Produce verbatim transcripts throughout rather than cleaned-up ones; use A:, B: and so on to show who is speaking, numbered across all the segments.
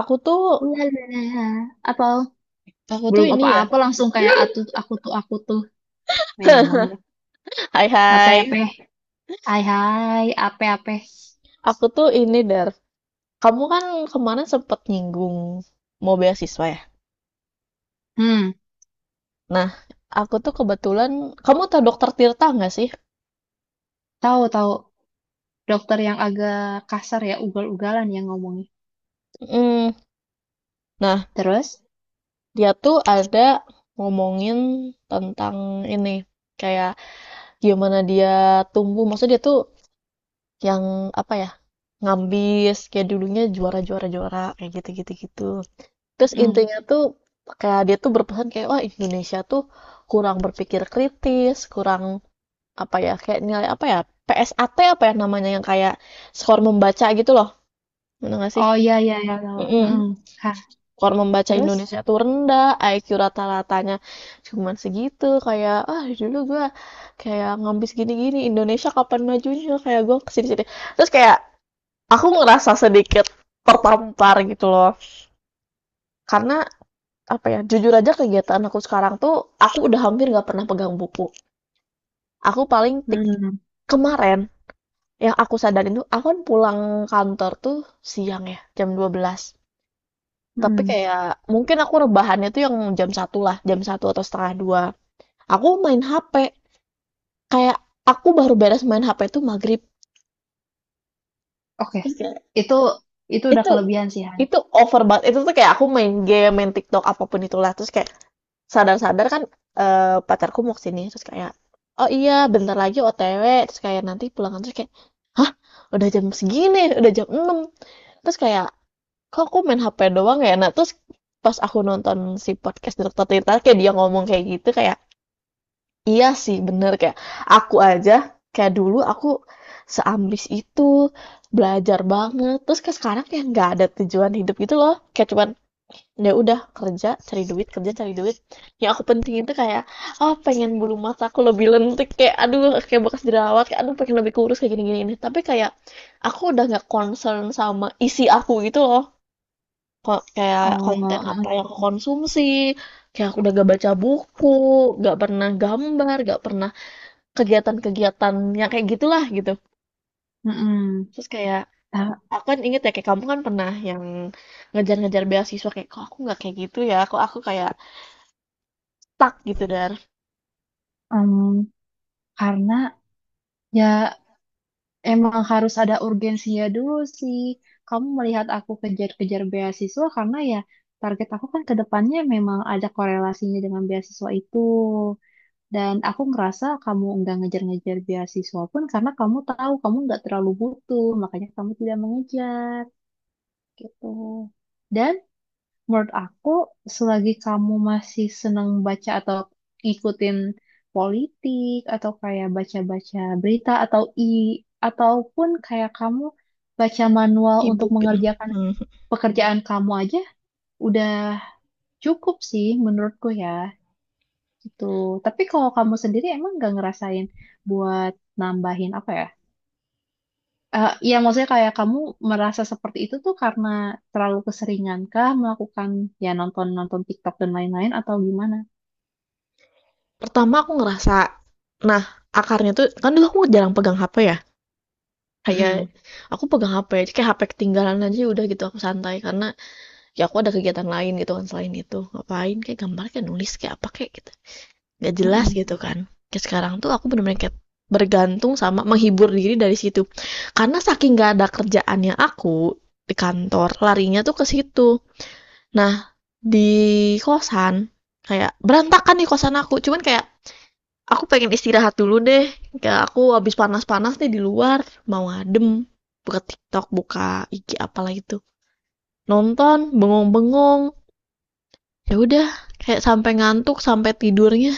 A: Aku tuh,
B: Ulalala. Apa
A: aku tuh
B: belum
A: ini ya.
B: apa-apa langsung kayak atu aku tuh aku tuh memang ya.
A: Hai
B: Apa
A: hai.
B: apa? Hai hai, apa apa?
A: Aku tuh ini Dar. Kamu kan kemarin sempet nyinggung mau beasiswa ya.
B: Hmm,
A: Nah, aku tuh kebetulan, kamu tau Dokter Tirta nggak sih?
B: tahu tahu dokter yang agak kasar ya, ugal-ugalan yang ngomongnya.
A: Mm. Nah,
B: Terus?
A: dia tuh ada ngomongin tentang ini, kayak gimana dia tumbuh. Maksudnya dia tuh yang apa ya? Ngambis, kayak dulunya juara juara juara kayak gitu gitu gitu. Terus
B: Mm.
A: intinya tuh kayak dia tuh berpesan kayak wah Indonesia tuh kurang berpikir kritis, kurang apa ya, kayak nilai apa ya, P S A T apa ya namanya, yang kayak skor membaca gitu loh. Bener gak sih?
B: Oh iya iya iya tahu. Mm-mm.
A: Mm-mm.
B: Hah,
A: Skor membaca
B: terus?
A: Indonesia tuh rendah, I Q rata-ratanya cuman segitu. Kayak ah dulu gua kayak ngambis gini-gini, Indonesia kapan majunya, kayak gua kesini-sini. Terus kayak aku ngerasa sedikit tertampar gitu loh. Karena apa ya, jujur aja kegiatan aku sekarang tuh aku udah hampir nggak pernah pegang buku, aku paling tik
B: Mm-mm.
A: kemarin yang aku sadarin tuh aku kan pulang kantor tuh siang ya jam dua belas, tapi
B: Mm-mm.
A: kayak mungkin aku rebahannya tuh yang jam satu lah, jam satu atau setengah dua aku main H P, kayak aku baru beres main H P tuh maghrib.
B: Oke.
A: Terus kayak
B: Itu itu udah
A: itu
B: kelebihan sih, Han.
A: itu over banget, itu tuh kayak aku main game main TikTok apapun itulah. Terus kayak sadar-sadar kan, eh, pacarku mau kesini. Terus kayak oh iya bentar lagi O T W, terus kayak nanti pulang kantor kayak hah udah jam segini udah jam enam. Terus kayak kok aku main H P doang ya, nah terus pas aku nonton si podcast Dokter Tirta kayak dia ngomong kayak gitu, kayak iya sih bener. Kayak aku aja kayak dulu aku seambis itu belajar banget, terus kayak sekarang kayak nggak ada tujuan hidup gitu loh, kayak cuman ya udah kerja cari duit kerja cari duit. Yang aku penting itu kayak oh pengen bulu mata aku lebih lentik, kayak aduh kayak bekas jerawat, kayak aduh pengen lebih kurus kayak gini gini ini. Tapi kayak aku udah nggak concern sama isi aku gitu loh. Ko- kayak
B: Oh,
A: konten apa
B: mm-mm.
A: yang aku konsumsi, kayak aku udah gak baca buku, gak pernah gambar, gak pernah kegiatan-kegiatan yang kayak gitulah gitu.
B: Mm-mm.
A: Terus kayak
B: Ta-
A: aku kan inget ya kayak kamu kan pernah yang ngejar-ngejar beasiswa, kayak kok aku nggak kayak gitu ya, kok aku kayak stuck gitu, dan
B: em, karena ya emang harus ada urgensinya dulu sih. Kamu melihat aku kejar-kejar beasiswa karena ya target aku kan ke depannya memang ada korelasinya dengan beasiswa itu. Dan aku ngerasa kamu nggak ngejar-ngejar beasiswa pun karena kamu tahu kamu nggak terlalu butuh, makanya kamu tidak mengejar gitu. Dan menurut aku, selagi kamu masih seneng baca atau ngikutin politik atau kayak baca-baca berita atau i ataupun kayak kamu baca manual untuk
A: E-book gitu.
B: mengerjakan
A: Mhm.
B: pekerjaan kamu aja udah cukup sih menurutku ya gitu. Tapi kalau kamu sendiri emang gak ngerasain buat nambahin apa ya? Eh, Iya ya maksudnya kayak kamu merasa seperti itu tuh karena terlalu keseringan kah melakukan ya nonton-nonton TikTok dan lain-lain atau gimana?
A: Pertama aku ngerasa, nah, akarnya tuh kan dulu aku jarang pegang H P ya, kayak
B: Mm-mm,
A: aku pegang H P aja kayak H P ketinggalan aja udah gitu aku santai karena ya aku ada kegiatan lain gitu kan selain itu, ngapain, kayak gambar kayak nulis kayak apa kayak gitu, nggak jelas
B: mm-mm,
A: gitu kan. Kayak sekarang tuh aku bener-bener kayak bergantung sama menghibur diri dari situ. Karena saking nggak ada kerjaannya aku di kantor, larinya tuh ke situ. Nah, di kosan kayak berantakan nih kosan aku, cuman kayak aku pengen istirahat dulu deh. Kayak aku habis panas-panas nih di luar, mau adem. Buka TikTok, buka I G apalah itu. Nonton, bengong-bengong. Ya udah, kayak sampai ngantuk, sampai tidurnya.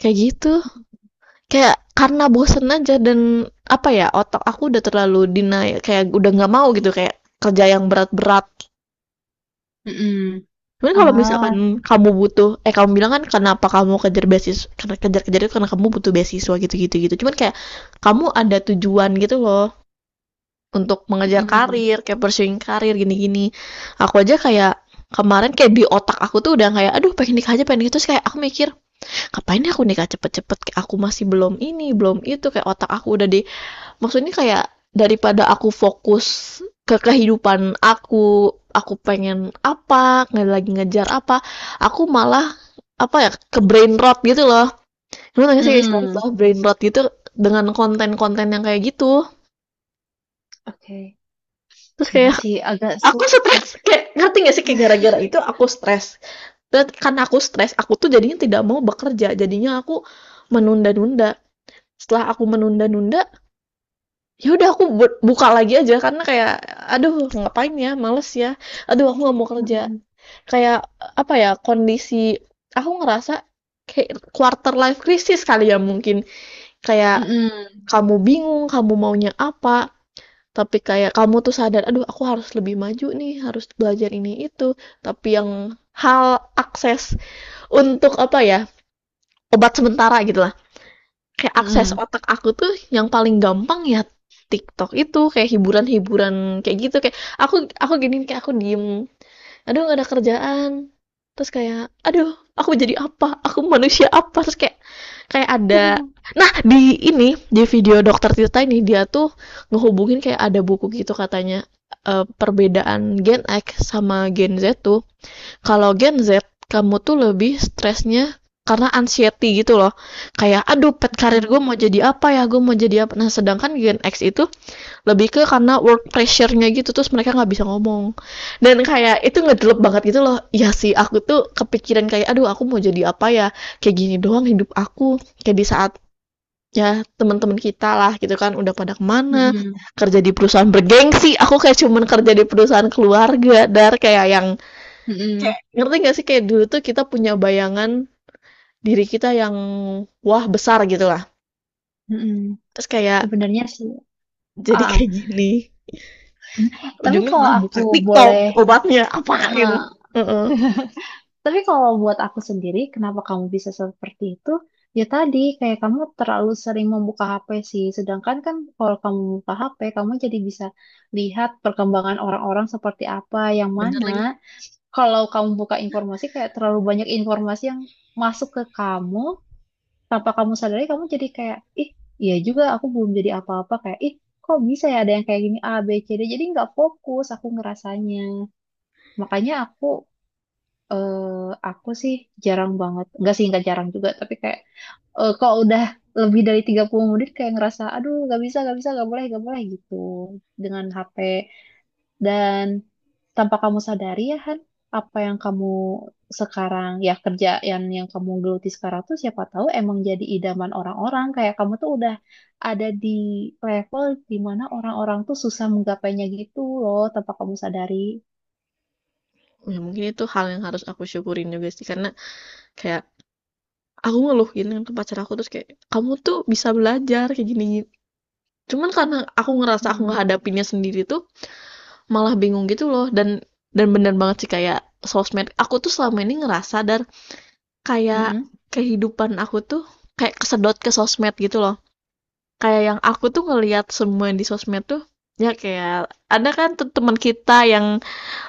A: Kayak gitu. Kayak karena bosen aja dan apa ya, otak aku udah terlalu denial, kayak udah nggak mau gitu kayak kerja yang berat-berat.
B: mm-mm.
A: Cuman kalau misalkan
B: Ah,
A: kamu butuh, eh kamu bilang kan kenapa kamu kejar beasiswa, karena kejar-kejar itu karena kamu butuh beasiswa gitu-gitu gitu. Cuman kayak kamu ada tujuan gitu loh untuk mengejar
B: mm-mm,
A: karir, kayak pursuing karir gini-gini. Aku aja kayak kemarin kayak di otak aku tuh udah kayak aduh pengen nikah aja pengen nikah, terus kayak aku mikir ngapain ya aku nikah cepet-cepet, kayak aku masih belum ini belum itu, kayak otak aku udah di, maksudnya kayak daripada aku fokus ke kehidupan aku aku pengen apa nggak lagi ngejar apa, aku malah apa ya ke brain rot gitu loh, lu nanya sih istilah,
B: mm-mm.
A: brain rot gitu dengan konten-konten yang kayak gitu.
B: Oke.
A: Terus
B: Iya
A: kayak
B: sih, agak
A: aku
B: sulit sih.
A: stres, kayak ngerti gak sih kayak gara-gara itu aku stres, dan karena aku stres aku tuh jadinya tidak mau bekerja, jadinya aku menunda-nunda, setelah aku menunda-nunda ya udah aku buka lagi aja karena kayak aduh ngapain ya males ya, aduh aku nggak mau kerja.
B: Mm-mm,
A: Kayak apa ya kondisi, aku ngerasa kayak quarter life crisis kali ya mungkin, kayak
B: mm-mm,
A: kamu bingung kamu maunya apa, tapi kayak kamu tuh sadar, "Aduh aku harus lebih maju nih, harus belajar ini itu," tapi yang hal akses untuk apa ya, obat sementara gitulah, kayak akses
B: mm-mm.
A: otak aku tuh yang paling gampang ya TikTok itu, kayak hiburan-hiburan kayak gitu, kayak aku aku gini, kayak aku diem, "Aduh gak ada kerjaan," terus kayak, "Aduh aku jadi apa? Aku manusia apa?" Terus kayak kayak ada, nah di ini di video dokter Tirta ini dia tuh ngehubungin kayak ada buku gitu katanya, eh, perbedaan Gen X sama Gen Z tuh kalau Gen Z kamu tuh lebih stresnya karena anxiety gitu loh, kayak aduh pet karir
B: Mm-mm,
A: gue mau jadi apa ya gue mau jadi apa, nah sedangkan Gen X itu lebih ke karena work pressure-nya gitu terus mereka nggak bisa ngomong dan kayak itu ngedelep banget gitu loh. Ya sih aku tuh kepikiran kayak aduh aku mau jadi apa ya, kayak gini doang hidup aku, kayak di saat ya teman-teman kita lah gitu kan udah pada kemana,
B: mm-mm,
A: kerja di perusahaan bergengsi, aku kayak cuman kerja di perusahaan keluarga dar, kayak yang
B: mm-mm,
A: Kayak- ngerti nggak sih kayak dulu tuh kita punya bayangan diri kita yang wah besar gitu lah.
B: mm-mm.
A: Terus kayak
B: Sebenarnya sih,
A: jadi
B: ah,
A: kayak gini.
B: tapi
A: Ujungnya
B: kalau
A: malah
B: aku
A: buka TikTok
B: boleh,
A: obatnya, apa gitu.
B: eh,
A: Heeh.
B: tapi kalau buat aku sendiri, kenapa kamu bisa seperti itu? Ya tadi, kayak kamu terlalu sering membuka H P sih. Sedangkan kan kalau kamu buka H P, kamu jadi bisa lihat perkembangan orang-orang seperti apa, yang
A: Bener lagi.
B: mana kalau kamu buka informasi kayak terlalu banyak informasi yang masuk ke kamu tanpa kamu sadari kamu jadi kayak ih iya juga aku belum jadi apa-apa kayak ih kok bisa ya ada yang kayak gini A B C D jadi nggak fokus aku ngerasanya makanya aku eh, aku sih jarang banget nggak sih nggak jarang juga tapi kayak eh, kalau udah lebih dari tiga puluh menit kayak ngerasa aduh nggak bisa nggak bisa nggak boleh nggak boleh gitu dengan H P dan tanpa kamu sadari ya Han, apa yang kamu sekarang ya kerja yang yang kamu geluti sekarang tuh siapa tahu emang jadi idaman orang-orang kayak kamu tuh udah ada di level di mana orang-orang tuh susah menggapainya gitu loh tanpa kamu sadari.
A: Ya mungkin itu hal yang harus aku syukurin juga sih karena kayak aku ngeluh gini kan pacar aku terus kayak, "Kamu tuh bisa belajar kayak gini." Cuman karena aku ngerasa aku
B: Hmm.
A: ngehadapinnya sendiri tuh malah bingung gitu loh, dan dan bener banget sih kayak sosmed. Aku tuh selama ini ngerasa dar, kayak
B: Mm-mm.
A: kehidupan aku tuh kayak kesedot ke sosmed gitu loh. Kayak yang aku tuh ngelihat semua di sosmed tuh ya kayak ada kan teman kita yang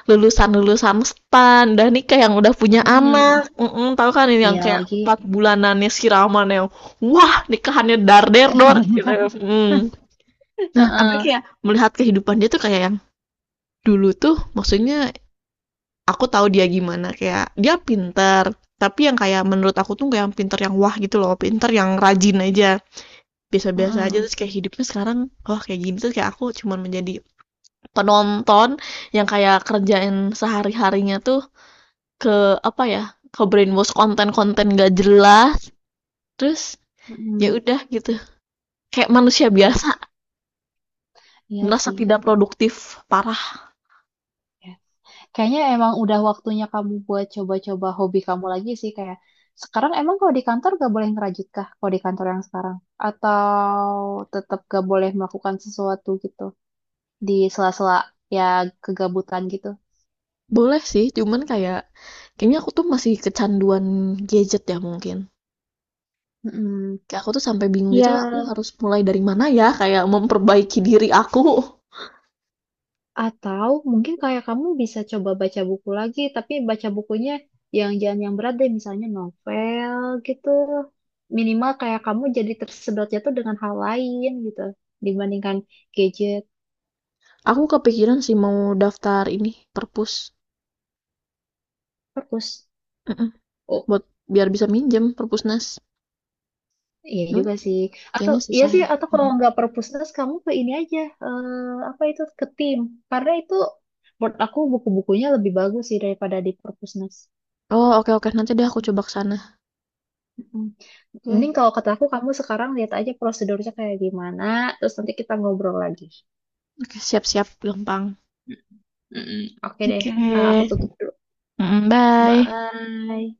A: lulusan-lulusan stan dan nikah yang udah punya
B: Hmm.
A: anak, mm tahu kan ini yang
B: Iya
A: kayak
B: lagi.
A: empat bulanannya siraman yang wah nikahannya dar der dor gitu. Mm. Nah apa
B: Heeh.
A: kayak melihat kehidupan dia tuh kayak yang dulu tuh maksudnya aku tahu dia gimana, kayak dia pinter, tapi yang kayak menurut aku tuh kayak yang pinter yang wah gitu loh, pinter yang rajin aja biasa-biasa aja,
B: Heeh.
A: terus kayak hidupnya sekarang oh kayak gini, terus kayak aku cuman menjadi penonton yang kayak kerjain sehari-harinya tuh ke apa ya, ke-brainwash konten-konten nggak jelas, terus ya
B: mm
A: udah gitu. Kayak manusia biasa
B: Yes. Iya
A: merasa
B: sih.
A: tidak produktif parah.
B: Ya. Kayaknya emang udah waktunya kamu buat coba-coba hobi kamu lagi sih kayak sekarang emang kalau di kantor gak boleh ngerajut kah kalau di kantor yang sekarang atau tetap gak boleh melakukan sesuatu gitu di sela-sela ya kegabutan gitu.
A: Boleh sih, cuman kayak kayaknya aku tuh masih kecanduan gadget ya mungkin.
B: Mm-mm.
A: Kayak aku tuh sampai bingung gitu,
B: Ya,
A: aku harus mulai dari mana ya, kayak memperbaiki diri aku.
B: atau mungkin kayak kamu bisa coba baca buku lagi, tapi baca bukunya yang jangan yang berat deh, misalnya novel gitu. Minimal kayak kamu jadi tersedotnya tuh dengan hal lain gitu, dibandingkan gadget.
A: Aku kepikiran sih mau daftar ini, perpus.
B: Perpus.
A: Mhm,
B: Oh,
A: buat biar bisa minjem perpusnas.
B: iya
A: Cuman
B: juga sih. Atau
A: kayaknya
B: iya
A: susah
B: sih
A: ya.
B: atau kalau
A: Mhm.
B: nggak perpusnas kamu ke ini aja eh, apa itu ke tim. Karena itu menurut aku buku-bukunya lebih bagus sih daripada di perpusnas.
A: Oh, oke oke, nanti deh aku coba kesana sana.
B: Mm.
A: Oke.
B: Mending
A: Okay.
B: kalau kata aku kamu sekarang lihat aja prosedurnya kayak gimana, terus nanti kita ngobrol lagi.
A: Oke, siap-siap gampang.
B: Mm-mm. Oke deh.
A: Oke.
B: Eh, aku
A: Oke.
B: tutup dulu.
A: Mm, bye.
B: Bye.